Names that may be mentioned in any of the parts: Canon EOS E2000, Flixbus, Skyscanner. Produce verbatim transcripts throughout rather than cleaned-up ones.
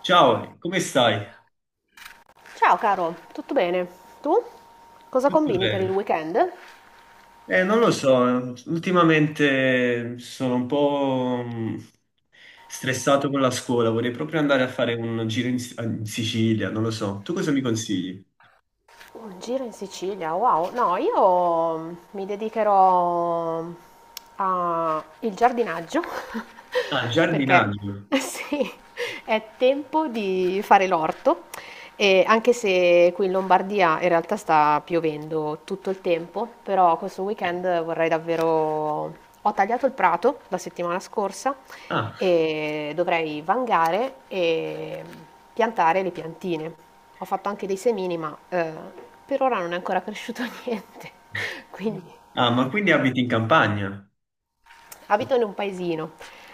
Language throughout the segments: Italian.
Ciao, come stai? Ciao caro, tutto bene? Tu? Cosa Tutto combini per il bene? weekend? Eh, non lo so, ultimamente sono un po' mm, stressato con la scuola, vorrei proprio andare a fare un giro in, S- eh, in Sicilia, non lo so. Tu cosa mi consigli? Un giro in Sicilia, wow. No, io mm, mi dedicherò al giardinaggio Ah, perché giardinaggio. sì, è tempo di fare l'orto e anche se qui in Lombardia in realtà sta piovendo tutto il tempo, però questo Eh. weekend vorrei davvero. Ho tagliato il prato la settimana scorsa Ah. e dovrei vangare e piantare le piantine. Ho fatto anche dei semini, ma eh, per ora non è ancora cresciuto niente, quindi Ah, ma quindi abiti in campagna? abito in un paesino,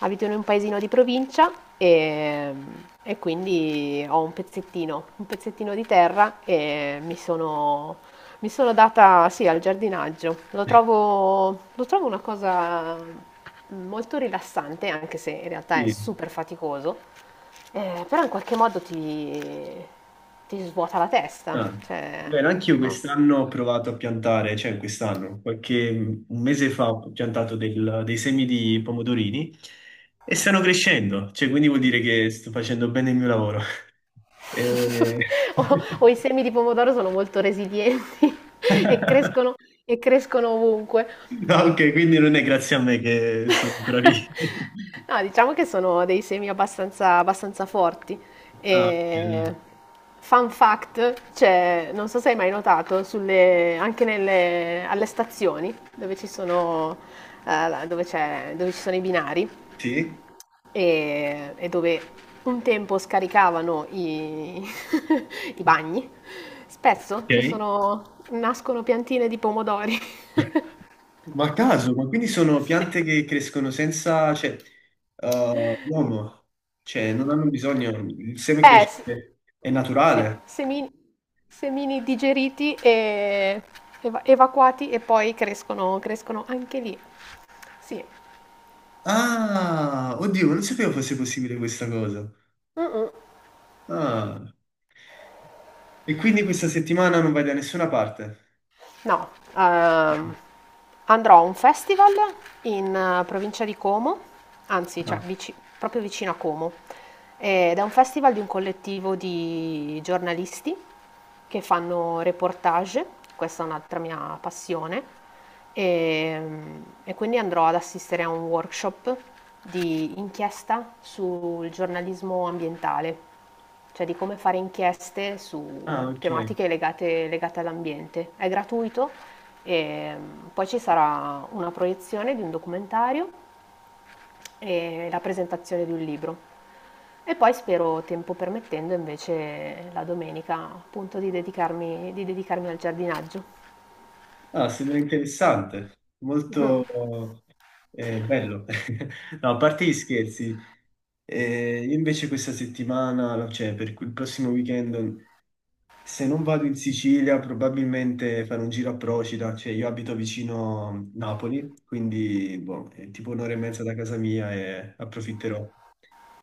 abito in un paesino di provincia e, e quindi ho un pezzettino, un pezzettino di terra e mi sono, mi sono data, sì, al giardinaggio. Lo trovo, lo trovo una cosa molto rilassante, anche se in realtà è Sì. super faticoso, eh, però in qualche modo ti, ti svuota la testa, Ah, cioè, bene, anch'io no? quest'anno ho provato a piantare, cioè quest'anno, qualche un mese fa ho piantato del- dei semi di pomodorini e stanno crescendo, cioè quindi vuol dire che sto facendo bene il mio lavoro. E- O o i semi di pomodoro sono molto resilienti e crescono e crescono ovunque. No, ok, quindi non è grazie a me che sono bravi. No, diciamo che sono dei semi abbastanza abbastanza forti. Ah, ok, E dai. fun fact, c'è non so se hai mai notato sulle anche nelle alle stazioni dove ci sono, ehm, la dove c'è dove ci sono i binari, Sì, e, e dove un tempo scaricavano i, i bagni, spesso ci ok. sono, nascono piantine di pomodori. Ma a caso, ma quindi sono Sì. piante che crescono senza, cioè, eh, l'uomo, cioè, non hanno bisogno, il seme Eh, cresce, s- è se- naturale. semini, semini digeriti e eva- evacuati e poi crescono, crescono anche lì. Sì. Ah, oddio, non sapevo fosse possibile questa cosa. Mm, mm. Ah, e quindi questa settimana non vai da nessuna parte? No, ehm, andrò a un festival in eh, provincia di Como, anzi, cioè No. vici- proprio vicino a Como, ed è un festival di un collettivo di giornalisti che fanno reportage, questa è un'altra mia passione, e, e quindi andrò ad assistere a un workshop di inchiesta sul giornalismo ambientale, cioè di come fare inchieste Ah, su ok. tematiche legate, legate all'ambiente. È gratuito e poi ci sarà una proiezione di un documentario e la presentazione di un libro. E poi spero, tempo permettendo, invece la domenica appunto di dedicarmi, di dedicarmi al giardinaggio. Ah, sembra interessante, Mhm. molto eh, bello. No, a parte gli scherzi, eh, io invece questa settimana, cioè per il prossimo weekend, se non vado in Sicilia, probabilmente farò un giro a Procida, cioè io abito vicino Napoli, quindi boh, è tipo un'ora e mezza da casa mia e approfitterò.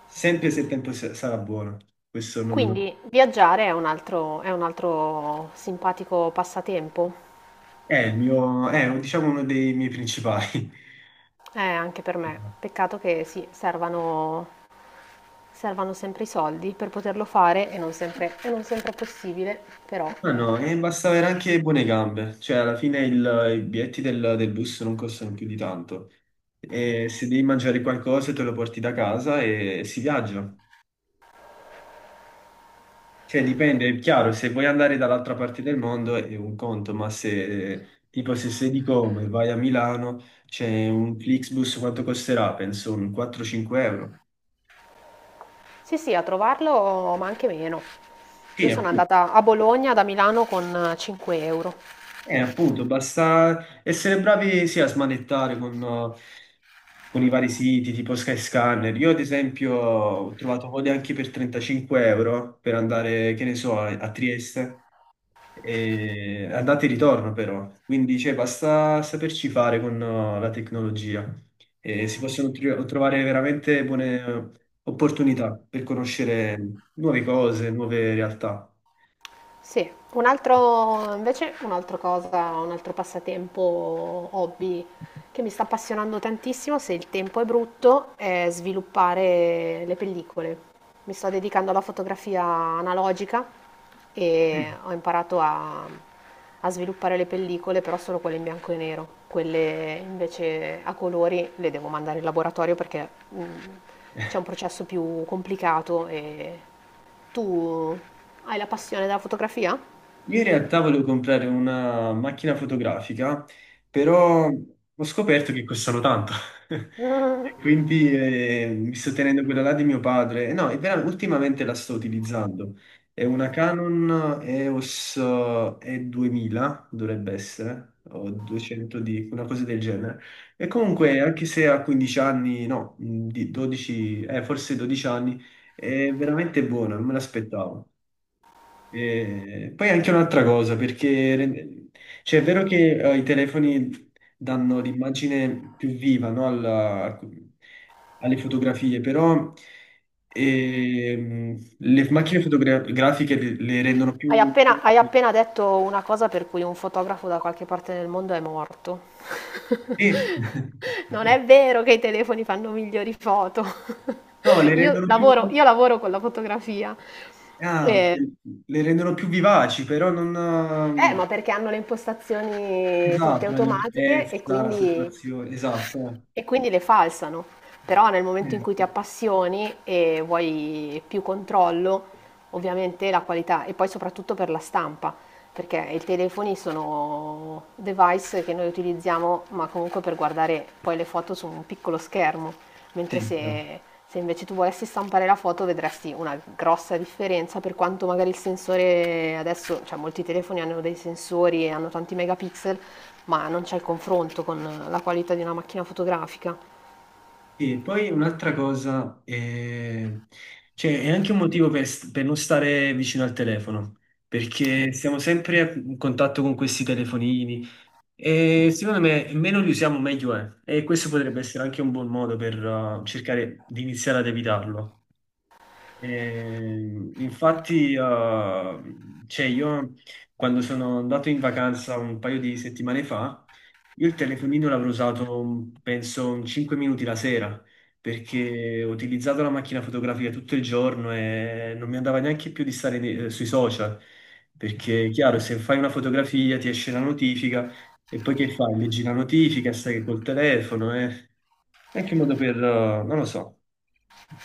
Sempre se il tempo sa- sarà buono, questo non... Quindi viaggiare è un altro, è un altro simpatico passatempo, è il mio, è diciamo uno dei miei principali. eh, anche per me. Peccato che sì, servano, servano sempre i soldi per poterlo fare e non sempre, e non sempre è possibile, però No, no, e basta avere anche buone gambe, cioè alla fine il- i biglietti del, del bus non costano più di tanto e se devi mangiare qualcosa te lo porti da casa e si viaggia. Cioè dipende, è chiaro, se vuoi andare dall'altra parte del mondo è un conto, ma se tipo se sei di Como e vai a Milano c'è un Flixbus, quanto costerà? Penso un quattro-cinque euro. sì sì, a trovarlo, ma anche meno. Sì, Io sono appunto. andata a Bologna da Milano con cinque euro. Eh, appunto, basta essere bravi sia a smanettare con... con i vari siti tipo Skyscanner. Io, ad esempio, ho trovato code anche per trentacinque euro per andare, che ne so, a a Trieste, e andate e ritorno però. Quindi, cioè, basta saperci fare con eh, la tecnologia e si possono tr- trovare veramente buone eh, opportunità per conoscere nuove cose, nuove realtà. Sì, un altro, invece un'altra cosa, un altro passatempo, hobby che mi sta appassionando tantissimo, se il tempo è brutto, è sviluppare le pellicole. Mi sto dedicando alla fotografia analogica Mm. e ho imparato a, a sviluppare le pellicole, però solo quelle in bianco e nero. Quelle invece a colori le devo mandare in laboratorio perché mm, c'è un processo più complicato e tu hai la passione della fotografia? Io in realtà volevo comprare una macchina fotografica, però ho scoperto che costano tanto. Quindi eh, mi sto tenendo quella là di mio padre. Eh, No, è vera- ultimamente la sto utilizzando. È una Canon EOS E duemila, dovrebbe essere, o duecento di una cosa del genere. E comunque, anche se ha quindici anni, no, di dodici, eh, forse dodici anni, è veramente buona, non me l'aspettavo. E poi anche un'altra cosa, perché rende- cioè, è vero che eh, i telefoni danno l'immagine più viva, no, alla- alle fotografie, però ehm, le macchine fotografiche le, le rendono Hai più... appena, hai appena detto una cosa per cui un fotografo da qualche parte nel mondo è morto. Sì. Non è vero che i telefoni fanno migliori foto. No, le Io rendono più... lavoro, io lavoro con la fotografia. ah, ok. Eh, Le rendono più vivaci, però non... eh, ma perché hanno le impostazioni tutte Esatto, la automatiche e limpidezza, la quindi... saturazione, esatto. E quindi le falsano, però nel momento in eh. cui ti Eh, appassioni e vuoi più controllo, ovviamente la qualità e poi soprattutto per la stampa, perché i telefoni sono device che noi utilizziamo, ma comunque per guardare poi le foto su un piccolo schermo mentre Sì, se, se invece tu volessi stampare la foto vedresti una grossa differenza per quanto magari il sensore adesso, cioè molti telefoni hanno dei sensori e hanno tanti megapixel, ma non c'è il confronto con la qualità di una macchina fotografica. sì, poi un'altra cosa, eh, cioè, è anche un motivo per, st- per non stare vicino al telefono, perché siamo sempre a- in contatto con questi telefonini e secondo me meno li usiamo meglio è, e questo potrebbe essere anche un buon modo per eh, cercare di iniziare ad evitarlo. Eh, infatti, eh, cioè io quando sono andato in vacanza un paio di settimane fa, io il telefonino l'avrò usato mm, penso cinque minuti la sera perché ho utilizzato la macchina fotografica tutto il giorno e non mi andava neanche più di stare ne- eh, sui social perché, chiaro, se fai una fotografia ti esce la notifica e poi che fai? Leggi la notifica, stai col telefono, eh? È anche un modo per... eh, non lo so.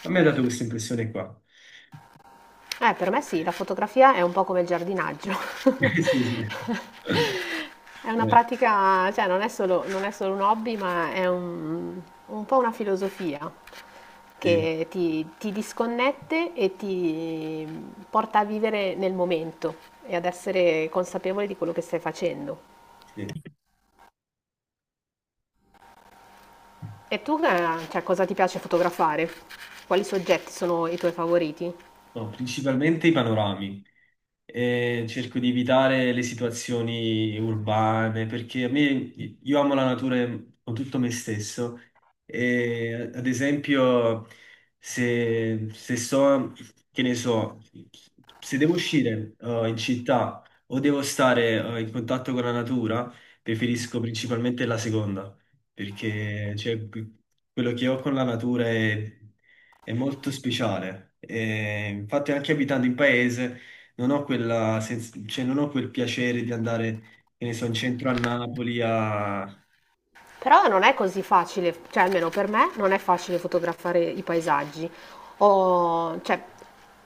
A me ha dato questa impressione qua. Eh, per me sì, la fotografia è un po' come il giardinaggio. Sì, sì. È una Eh, pratica, cioè non è solo, non è solo un hobby, ma è un, un po' una filosofia sì, che ti, ti disconnette e ti porta a vivere nel momento e ad essere consapevole di quello che stai facendo. sì. E tu, eh, cioè, cosa ti piace fotografare? Quali soggetti sono i tuoi favoriti? No, principalmente i panorami. E cerco di evitare le situazioni urbane perché a me io amo la natura con tutto me stesso e ad esempio se, se so che ne so se devo uscire eh, in città o devo stare eh, in contatto con la natura preferisco principalmente la seconda perché cioè, quello che ho con la natura è, è molto speciale. E infatti anche abitando in paese non ho quella sens- cioè, non ho quel piacere di andare, che ne so, in centro a Napoli a Però non è così facile, cioè almeno per me non è facile fotografare i paesaggi. Ho, cioè,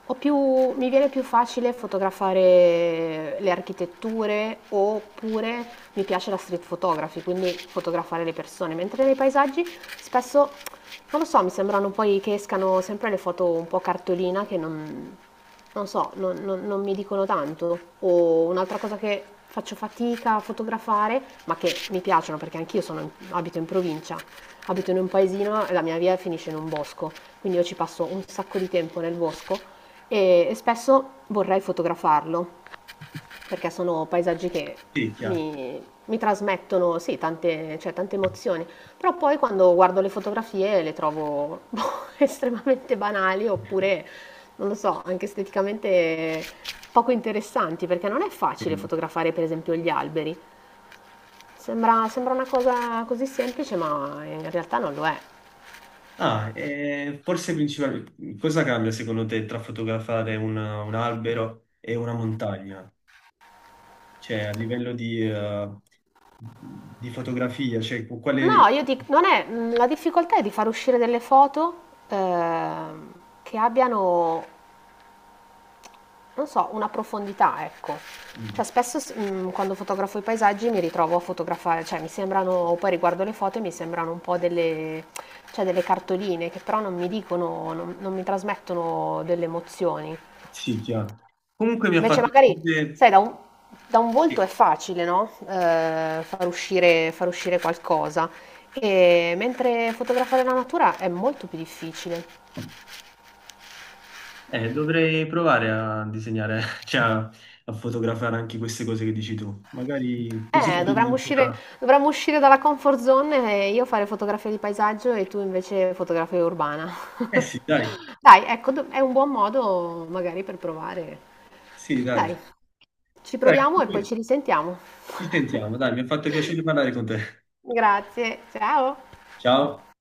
ho più, mi viene più facile fotografare le architetture oppure mi piace la street photography, quindi fotografare le persone, mentre nei paesaggi spesso, non lo so, mi sembrano poi che escano sempre le foto un po' cartolina che non, non so, non, non- non mi dicono tanto. O un'altra cosa che faccio fatica a fotografare, ma che mi piacciono perché anch'io sono in- abito in provincia, abito in un paesino e la mia via finisce in un bosco quindi io ci passo un sacco di tempo nel bosco e, e spesso vorrei fotografarlo perché sono paesaggi che Tecchia. mi, mi trasmettono sì, tante, cioè, tante emozioni, però poi quando guardo le fotografie le trovo boh, estremamente banali oppure, non lo so, anche esteticamente poco interessanti perché non è facile fotografare per esempio gli alberi. Sembra, sembra una cosa così semplice, ma in realtà non lo è. Ah, eh, forse principalmente cosa cambia secondo te tra fotografare un, un albero e una montagna? Cioè, a livello di, eh, di fotografia, cioè, con No, quale... io dico, non è, mm, la difficoltà è di far uscire delle foto ehm, che abbiano, non so, una profondità, ecco. Mm, Cioè, spesso s- mm, quando fotografo i paesaggi mi ritrovo a fotografare, cioè mi sembrano, poi riguardo le foto e mi sembrano un po' delle, cioè, delle cartoline che però non mi dicono, non, non mi trasmettono delle emozioni. sì, chiaro. Comunque mi ha Invece fatto... magari, piacere- sai, da un, da un volto sì. è facile, no? Eh, far uscire, far uscire qualcosa. E mentre fotografare la natura è molto più difficile. Eh, dovrei provare a disegnare, cioè a, a fotografare anche queste cose che dici tu. Magari così Eh, dovremmo capiamo chi uscire, ha- dovremmo uscire dalla comfort zone e io fare fotografia di paesaggio e tu invece fotografia urbana. Eh sì, dai, Dai, ecco, do- è un buon modo magari per provare. sì, dai. Dai, ci Dai, proviamo e poi comunque ci risentiamo. ci sentiamo, dai, mi ha fatto piacere parlare con te. Grazie, ciao. Ciao.